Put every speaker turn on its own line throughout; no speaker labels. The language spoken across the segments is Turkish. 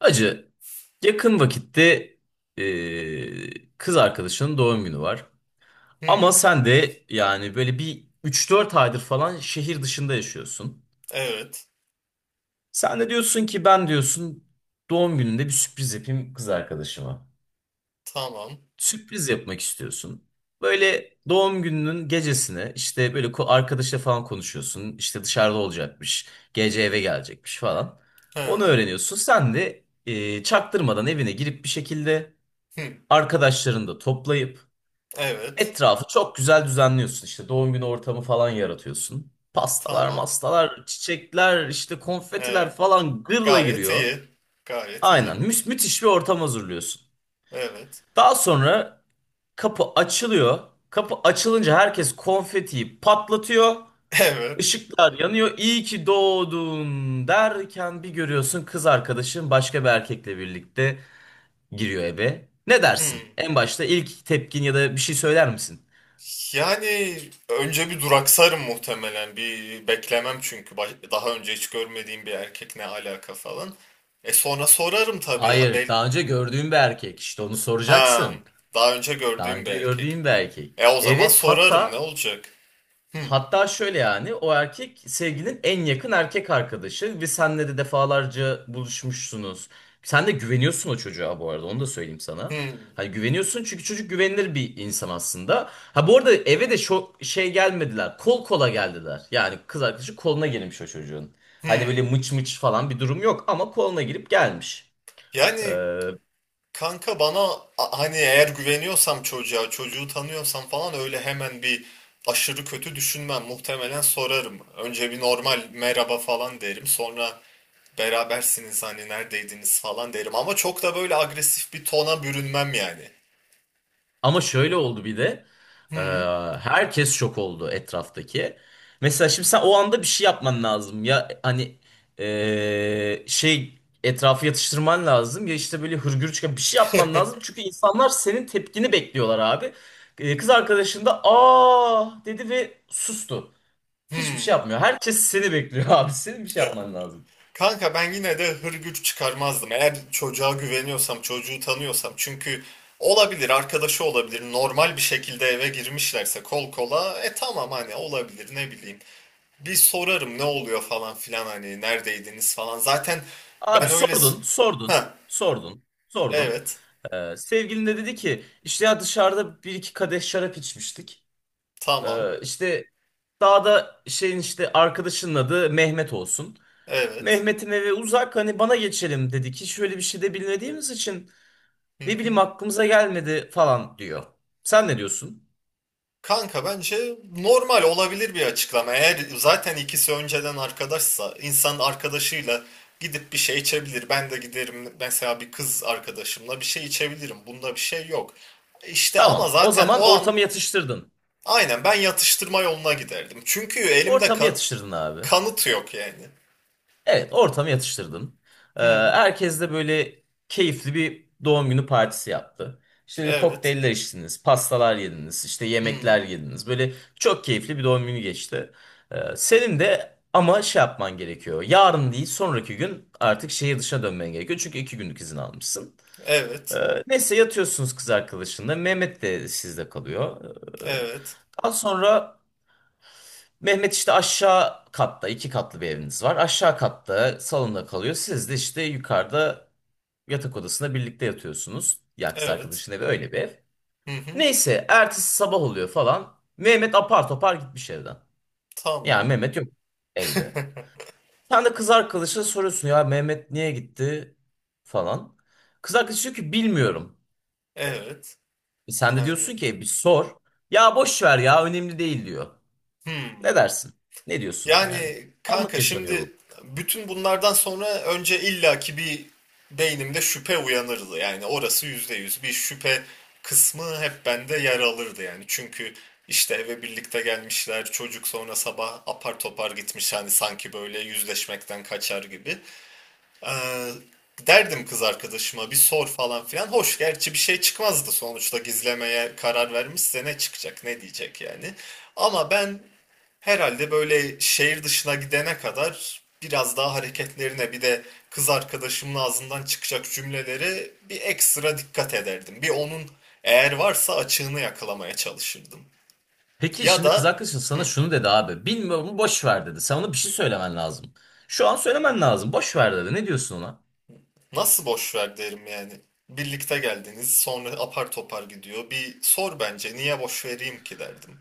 Acı, yakın vakitte kız arkadaşının doğum günü var. Ama
Hı.
sen de yani böyle bir üç dört aydır falan şehir dışında yaşıyorsun.
Evet.
Sen de diyorsun ki ben diyorsun doğum gününde bir sürpriz yapayım kız arkadaşıma.
Tamam.
Sürpriz yapmak istiyorsun. Böyle doğum gününün gecesine işte böyle arkadaşla falan konuşuyorsun. İşte dışarıda olacakmış, gece eve gelecekmiş falan. Onu
Hı.
öğreniyorsun. Sen de çaktırmadan evine girip bir şekilde...
Hı.
Arkadaşlarını da toplayıp
Evet.
etrafı çok güzel düzenliyorsun. İşte doğum günü ortamı falan yaratıyorsun. Pastalar,
Tamam.
mastalar, çiçekler, işte
E,
konfetiler falan gırla
gayet
giriyor.
iyi. Gayet iyi.
Aynen müthiş bir ortam hazırlıyorsun.
Evet.
Daha sonra kapı açılıyor. Kapı açılınca herkes konfetiyi patlatıyor.
Evet.
Işıklar yanıyor. İyi ki doğdun derken bir görüyorsun kız arkadaşın başka bir erkekle birlikte giriyor eve. Ne
Hı.
dersin? En başta ilk tepkin ya da bir şey söyler misin?
Yani önce bir duraksarım muhtemelen. Bir beklemem çünkü daha önce hiç görmediğim bir erkek ne alaka falan. Sonra sorarım tabii.
Hayır, daha önce gördüğüm bir erkek. İşte onu
Ha,
soracaksın.
daha önce
Daha
gördüğüm bir
önce
erkek.
gördüğüm bir erkek.
E o zaman
Evet,
sorarım ne
hatta
olacak? Hı.
hatta şöyle yani o erkek sevgilinin en yakın erkek arkadaşı ve senle de defalarca buluşmuşsunuz. Sen de güveniyorsun o çocuğa bu arada onu da söyleyeyim sana.
Hı.
Hani güveniyorsun çünkü çocuk güvenilir bir insan aslında. Ha bu arada eve de şu şey gelmediler. Kol kola geldiler. Yani kız arkadaşı koluna girmiş o çocuğun.
Hı.
Hani böyle mıç mıç falan bir durum yok ama koluna girip gelmiş. Ee,
Yani kanka bana hani eğer güveniyorsam çocuğa, çocuğu tanıyorsam falan öyle hemen bir aşırı kötü düşünmem. Muhtemelen sorarım. Önce bir normal merhaba falan derim. Sonra berabersiniz hani neredeydiniz falan derim. Ama çok da böyle agresif bir tona bürünmem yani.
Ama şöyle oldu bir de. Ee,
Hmm.
herkes şok oldu etraftaki. Mesela şimdi sen o anda bir şey yapman lazım. Ya hani şey etrafı yatıştırman lazım. Ya işte böyle hırgür çıkan bir şey yapman lazım. Çünkü insanlar senin tepkini bekliyorlar abi. Kız arkadaşın da aa dedi ve sustu. Hiçbir şey
Hmm.
yapmıyor. Herkes seni bekliyor abi. Senin bir şey yapman lazım.
Kanka ben yine de hırgür çıkarmazdım. Eğer çocuğa güveniyorsam, çocuğu tanıyorsam. Çünkü olabilir, arkadaşı olabilir. Normal bir şekilde eve girmişlerse kol kola. Tamam hani olabilir ne bileyim. Bir sorarım ne oluyor falan filan hani neredeydiniz falan. Zaten
Abi
ben öyle.
sordun, sordun,
Ha,
sordun, sordun.
evet,
Sevgilin de dedi ki işte ya dışarıda bir iki kadeh şarap içmiştik.
tamam,
İşte daha da şeyin işte arkadaşının adı Mehmet olsun.
evet.
Mehmet'in evi uzak hani bana geçelim dedi ki şöyle bir şey de bilmediğimiz için
Hı
ne bileyim
hı.
aklımıza gelmedi falan diyor. Sen ne diyorsun?
Kanka bence normal olabilir bir açıklama. Eğer zaten ikisi önceden arkadaşsa insan arkadaşıyla gidip bir şey içebilir. Ben de giderim mesela bir kız arkadaşımla bir şey içebilirim. Bunda bir şey yok. İşte ama
Tamam o
zaten
zaman
o an
ortamı yatıştırdın.
aynen ben yatıştırma yoluna giderdim. Çünkü elimde
Ortamı
kan
yatıştırdın abi.
kanıt yok yani.
Evet, ortamı yatıştırdın.
Hı,
Herkes de böyle keyifli bir doğum günü partisi yaptı. İşte böyle
evet.
kokteyller içtiniz, pastalar yediniz, işte
Hı.
yemekler yediniz. Böyle çok keyifli bir doğum günü geçti. Senin de ama şey yapman gerekiyor. Yarın değil, sonraki gün artık şehir dışına dönmen gerekiyor. Çünkü iki günlük izin almışsın. Ee,
Evet.
neyse yatıyorsunuz kız arkadaşınla. Mehmet de sizde kalıyor.
Evet.
Daha sonra Mehmet işte aşağı katta iki katlı bir eviniz var. Aşağı katta salonda kalıyor. Siz de işte yukarıda yatak odasında birlikte yatıyorsunuz. Ya kız
Evet.
arkadaşın evi öyle bir ev.
Hı hı.
Neyse ertesi sabah oluyor falan. Mehmet apar topar gitmiş evden. Yani
Tamam.
Mehmet yok evde. Sen de kız arkadaşına soruyorsun ya Mehmet niye gitti falan. Kız arkadaş diyor ki bilmiyorum.
Evet.
E sen de
Yani
diyorsun ki "E bir sor. Ya boş ver ya önemli değil diyor. Ne
hmm.
dersin? Ne diyorsun yani?
Yani
Anlık
kanka
yaşanıyor
şimdi
bu.
bütün bunlardan sonra önce illaki bir beynimde şüphe uyanırdı. Yani orası %100 bir şüphe kısmı hep bende yer alırdı yani. Çünkü işte eve birlikte gelmişler, çocuk sonra sabah apar topar gitmiş hani sanki böyle yüzleşmekten kaçar gibi. Ee, derdim kız arkadaşıma bir sor falan filan. Hoş gerçi bir şey çıkmazdı, sonuçta gizlemeye karar vermişse ne çıkacak, ne diyecek yani. Ama ben herhalde böyle şehir dışına gidene kadar biraz daha hareketlerine bir de kız arkadaşımın ağzından çıkacak cümleleri bir ekstra dikkat ederdim. Bir onun eğer varsa açığını yakalamaya çalışırdım.
Peki
Ya
şimdi kız
da
arkadaşın sana şunu dedi abi. Bilmiyorum boş ver dedi. Sen ona bir şey söylemen lazım. Şu an söylemen lazım. Boş ver dedi. Ne diyorsun ona?
Nasıl boş ver derim yani. Birlikte geldiniz, sonra apar topar gidiyor. Bir sor bence, niye boş vereyim ki derdim.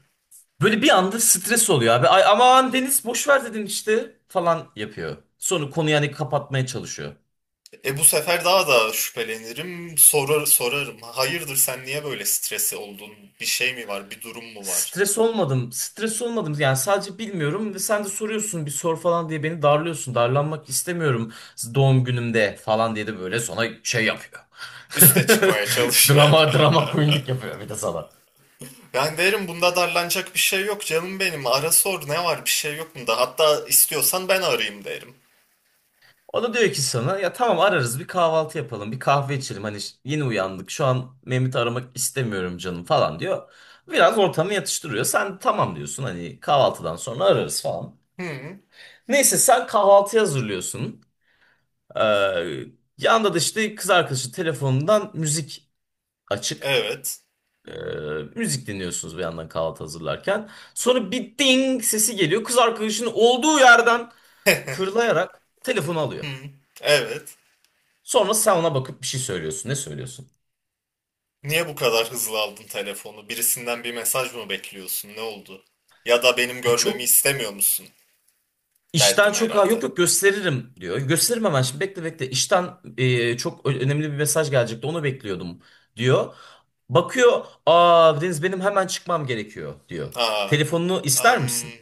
Böyle bir anda stres oluyor abi. Ay aman Deniz boş ver dedin işte falan yapıyor. Sonra konuyu yani kapatmaya çalışıyor.
Bu sefer daha da şüphelenirim, sorarım. Hayırdır, sen niye böyle stresi oldun? Bir şey mi var, bir durum mu var?
Stres olmadım. Stres olmadım. Yani sadece bilmiyorum ve sen de soruyorsun bir sor falan diye beni darlıyorsun. Darlanmak istemiyorum doğum günümde falan diye de böyle sonra şey yapıyor.
Üste çıkmaya çalış.
Drama queenlik yapıyor bir de sana.
Ben derim bunda darlanacak bir şey yok canım benim. Ara sor, ne var bir şey yok bunda. Hatta istiyorsan ben arayayım derim.
O da diyor ki sana ya tamam ararız bir kahvaltı yapalım bir kahve içelim hani yeni uyandık şu an Mehmet'i aramak istemiyorum canım falan diyor. Biraz ortamı yatıştırıyor sen tamam diyorsun hani kahvaltıdan sonra ararız falan.
Hı,
Neyse sen kahvaltı hazırlıyorsun. Ee, yanda da işte kız arkadaşı telefonundan müzik açık.
evet.
Ee, müzik dinliyorsunuz bir yandan kahvaltı hazırlarken. Sonra bir ding sesi geliyor kız arkadaşının olduğu yerden fırlayarak telefonu alıyor.
Hı, evet.
Sonra sen ona bakıp bir şey söylüyorsun. Ne söylüyorsun?
Niye bu kadar hızlı aldın telefonu? Birisinden bir mesaj mı bekliyorsun? Ne oldu? Ya da benim
Ya
görmemi
çok
istemiyor musun?
işten
Derdim
çok ha yok
herhalde.
yok gösteririm diyor. Gösteririm hemen
Hı?
şimdi bekle bekle. İşten çok önemli bir mesaj gelecekti onu bekliyordum diyor. Bakıyor aa Deniz benim hemen çıkmam gerekiyor diyor.
Aa,
Telefonunu ister
am,
misin?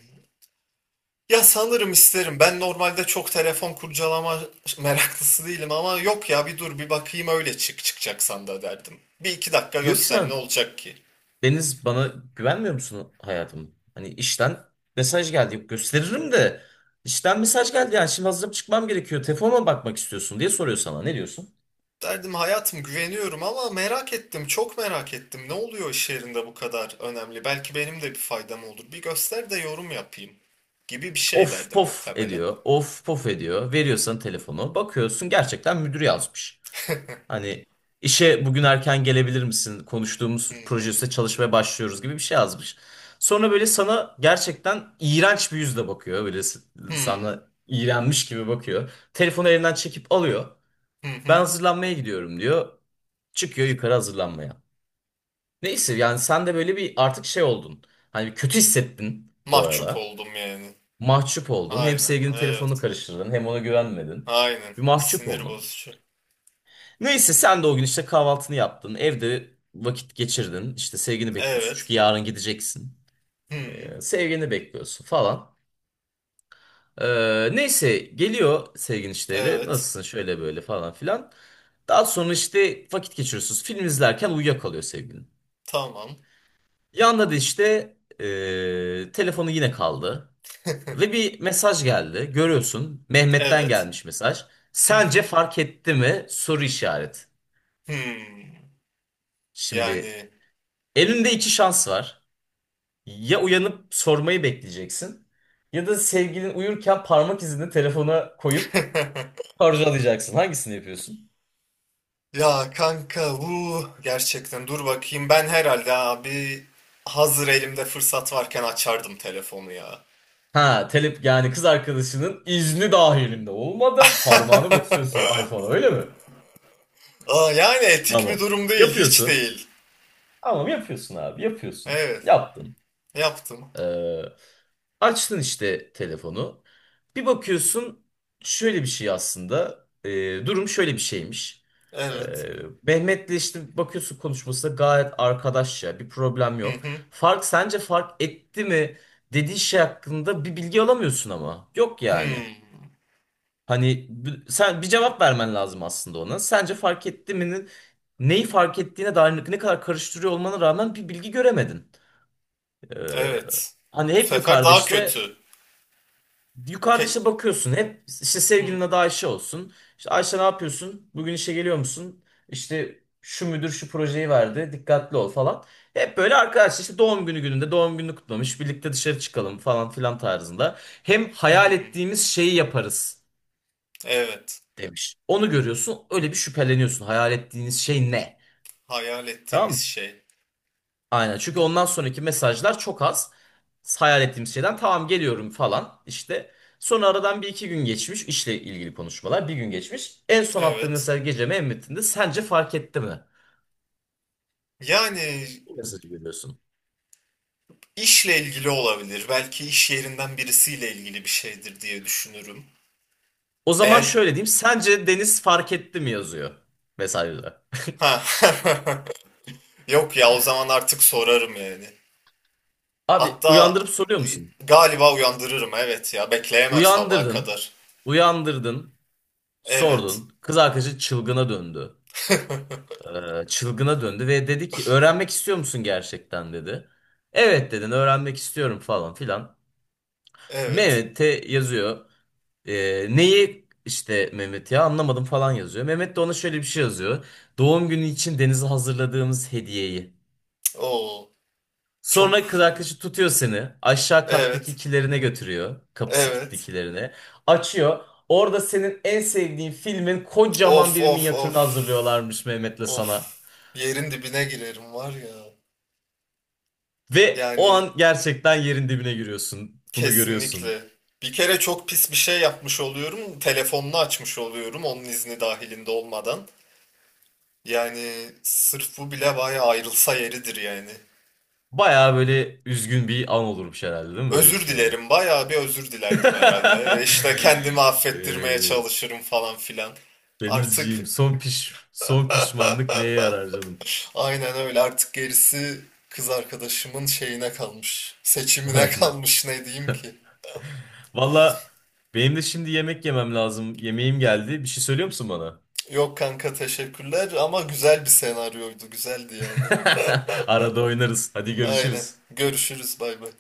ya sanırım isterim. Ben normalde çok telefon kurcalama meraklısı değilim ama yok ya, bir dur bir bakayım öyle, çıkacaksan da derdim. Bir iki dakika
Diyor ki
göster, ne
sana
olacak ki?
Deniz bana güvenmiyor musun hayatım? Hani işten mesaj geldi gösteririm de işten mesaj geldi yani şimdi hazırım çıkmam gerekiyor. Telefonuma bakmak istiyorsun diye soruyor sana ne diyorsun?
Derdim hayatım, güveniyorum ama merak ettim, çok merak ettim. Ne oluyor iş yerinde bu kadar önemli? Belki benim de bir faydam olur. Bir göster de yorum yapayım gibi bir şey
Of
derdim
pof
muhtemelen.
ediyor. Of pof ediyor. Veriyorsan telefonu. Bakıyorsun gerçekten müdür yazmış. Hani işe bugün erken gelebilir misin? Konuştuğumuz proje
Hmm.
üstüne çalışmaya başlıyoruz gibi bir şey yazmış. Sonra böyle sana gerçekten iğrenç bir yüzle bakıyor. Böyle
Hmm.
sana iğrenmiş gibi bakıyor. Telefonu elinden çekip alıyor.
Hı
Ben
hı.
hazırlanmaya gidiyorum diyor. Çıkıyor yukarı hazırlanmaya. Neyse yani sen de böyle bir artık şey oldun. Hani kötü hissettin bu
Mahcup
arada.
oldum yani.
Mahcup oldun. Hem
Aynen,
sevgilinin telefonunu
evet.
karıştırdın hem ona güvenmedin.
Aynen.
Bir mahcup
Sinir
oldun.
bozucu.
Neyse sen de o gün işte kahvaltını yaptın. Evde vakit geçirdin. İşte sevgini bekliyorsun.
Evet.
Çünkü yarın gideceksin.
Hmm.
Sevgini bekliyorsun falan. Neyse geliyor sevgin işte eve.
Evet.
Nasılsın şöyle böyle falan filan. Daha sonra işte vakit geçiriyorsunuz. Film izlerken uyuyakalıyor sevgilin.
Tamam.
Yanında da işte telefonu yine kaldı. Ve bir mesaj geldi. Görüyorsun. Mehmet'ten
Evet.
gelmiş mesaj.
Hı
Sence
hı.
fark etti mi? Soru işareti.
Hmm.
Şimdi
Yani
elinde iki şans var. Ya uyanıp sormayı bekleyeceksin. Ya da sevgilin uyurken parmak izini telefona koyup harcalayacaksın. Hangisini yapıyorsun?
ya kanka bu gerçekten dur bakayım, ben herhalde abi hazır elimde fırsat varken açardım telefonu ya.
Ha, yani kız arkadaşının izni dahilinde olmadan parmağını basıyorsun iPhone'a öyle mi?
Aa, yani etik bir
Tamam.
durum değil, hiç
Yapıyorsun.
değil.
Tamam yapıyorsun abi yapıyorsun.
Evet,
Yaptın.
yaptım.
Ee, açtın işte telefonu. Bir bakıyorsun şöyle bir şey aslında. Durum şöyle bir şeymiş. Ee,
Evet.
Mehmet'le işte bakıyorsun konuşması gayet arkadaşça bir problem
Hı
yok.
hı.
Sence fark etti mi dediği şey hakkında bir bilgi alamıyorsun ama. Yok yani.
Hmm.
Hani sen bir cevap vermen lazım aslında ona. Sence fark etti mi? Neyi fark ettiğine dair ne kadar karıştırıyor olmana rağmen bir bilgi göremedin. Ee,
Evet.
Hani
Bu
hep
sefer
yukarıda
daha
işte
kötü.
yukarıda
Ke
işte bakıyorsun hep işte sevgilinin
hmm.
adı Ayşe olsun. İşte Ayşe ne yapıyorsun? Bugün işe geliyor musun? İşte şu müdür şu projeyi verdi. Dikkatli ol falan. Hep böyle arkadaş işte doğum günü gününde doğum gününü kutlamış. Birlikte dışarı çıkalım falan filan tarzında. Hem hayal
Hmm.
ettiğimiz şeyi yaparız
Evet.
demiş. Onu görüyorsun öyle bir şüpheleniyorsun. Hayal ettiğiniz şey ne?
Hayal
Tamam
ettiğimiz
mı?
şey.
Aynen. Çünkü
Bu
ondan sonraki mesajlar çok az. Hayal ettiğim şeyden tamam geliyorum falan işte. Sonra aradan bir iki gün geçmiş işle ilgili konuşmalar bir gün geçmiş. En son attığım
evet.
mesaj geceme en metninde sence fark etti mi?
Yani
Bu mesajı görüyorsun.
işle ilgili olabilir. Belki iş yerinden birisiyle ilgili bir şeydir diye düşünürüm.
O zaman
Eğer
şöyle diyeyim sence Deniz fark etti mi yazıyor mesajda.
ha yok ya, o zaman artık sorarım yani.
Abi
Hatta
uyandırıp soruyor
e,
musun?
galiba uyandırırım, evet, ya bekleyemem sabaha
Uyandırdın,
kadar.
uyandırdın,
Evet.
sordun. Kız arkadaşı çılgına döndü. Çılgına döndü ve dedi ki öğrenmek istiyor musun gerçekten dedi. Evet dedin öğrenmek istiyorum falan filan.
Evet.
Mehmet'e yazıyor. Neyi işte Mehmet ya anlamadım falan yazıyor. Mehmet de ona şöyle bir şey yazıyor. Doğum günü için Deniz'e hazırladığımız hediyeyi.
Oo, çok.
Sonra kız arkadaşı tutuyor seni. Aşağı kattaki
Evet.
kilerine götürüyor. Kapısı kilitli
Evet.
kilerine. Açıyor. Orada senin en sevdiğin filmin kocaman
Of
bir
of
minyatürünü
of.
hazırlıyorlarmış Mehmet'le sana.
Of. Yerin dibine girerim var ya.
Ve o
Yani
an gerçekten yerin dibine giriyorsun. Bunu görüyorsun.
kesinlikle. Bir kere çok pis bir şey yapmış oluyorum. Telefonunu açmış oluyorum onun izni dahilinde olmadan. Yani sırf bu bile bayağı ayrılsa yeridir yani.
Baya böyle üzgün bir an olurmuş herhalde değil mi? Böyle bir
Özür
şey oldu.
dilerim, bayağı bir özür dilerdim herhalde. İşte kendimi affettirmeye
Eee
çalışırım falan filan. Artık
Denizciğim son pişmanlık neye yarar canım?
aynen öyle, artık gerisi kız arkadaşımın şeyine kalmış. Seçimine
Aynen.
kalmış, ne diyeyim ki.
Valla benim de şimdi yemek yemem lazım. Yemeğim geldi. Bir şey söylüyor musun bana?
Yok kanka, teşekkürler, ama güzel bir senaryoydu, güzeldi yani.
Arada oynarız. Hadi
Aynen.
görüşürüz.
Görüşürüz, bay bay.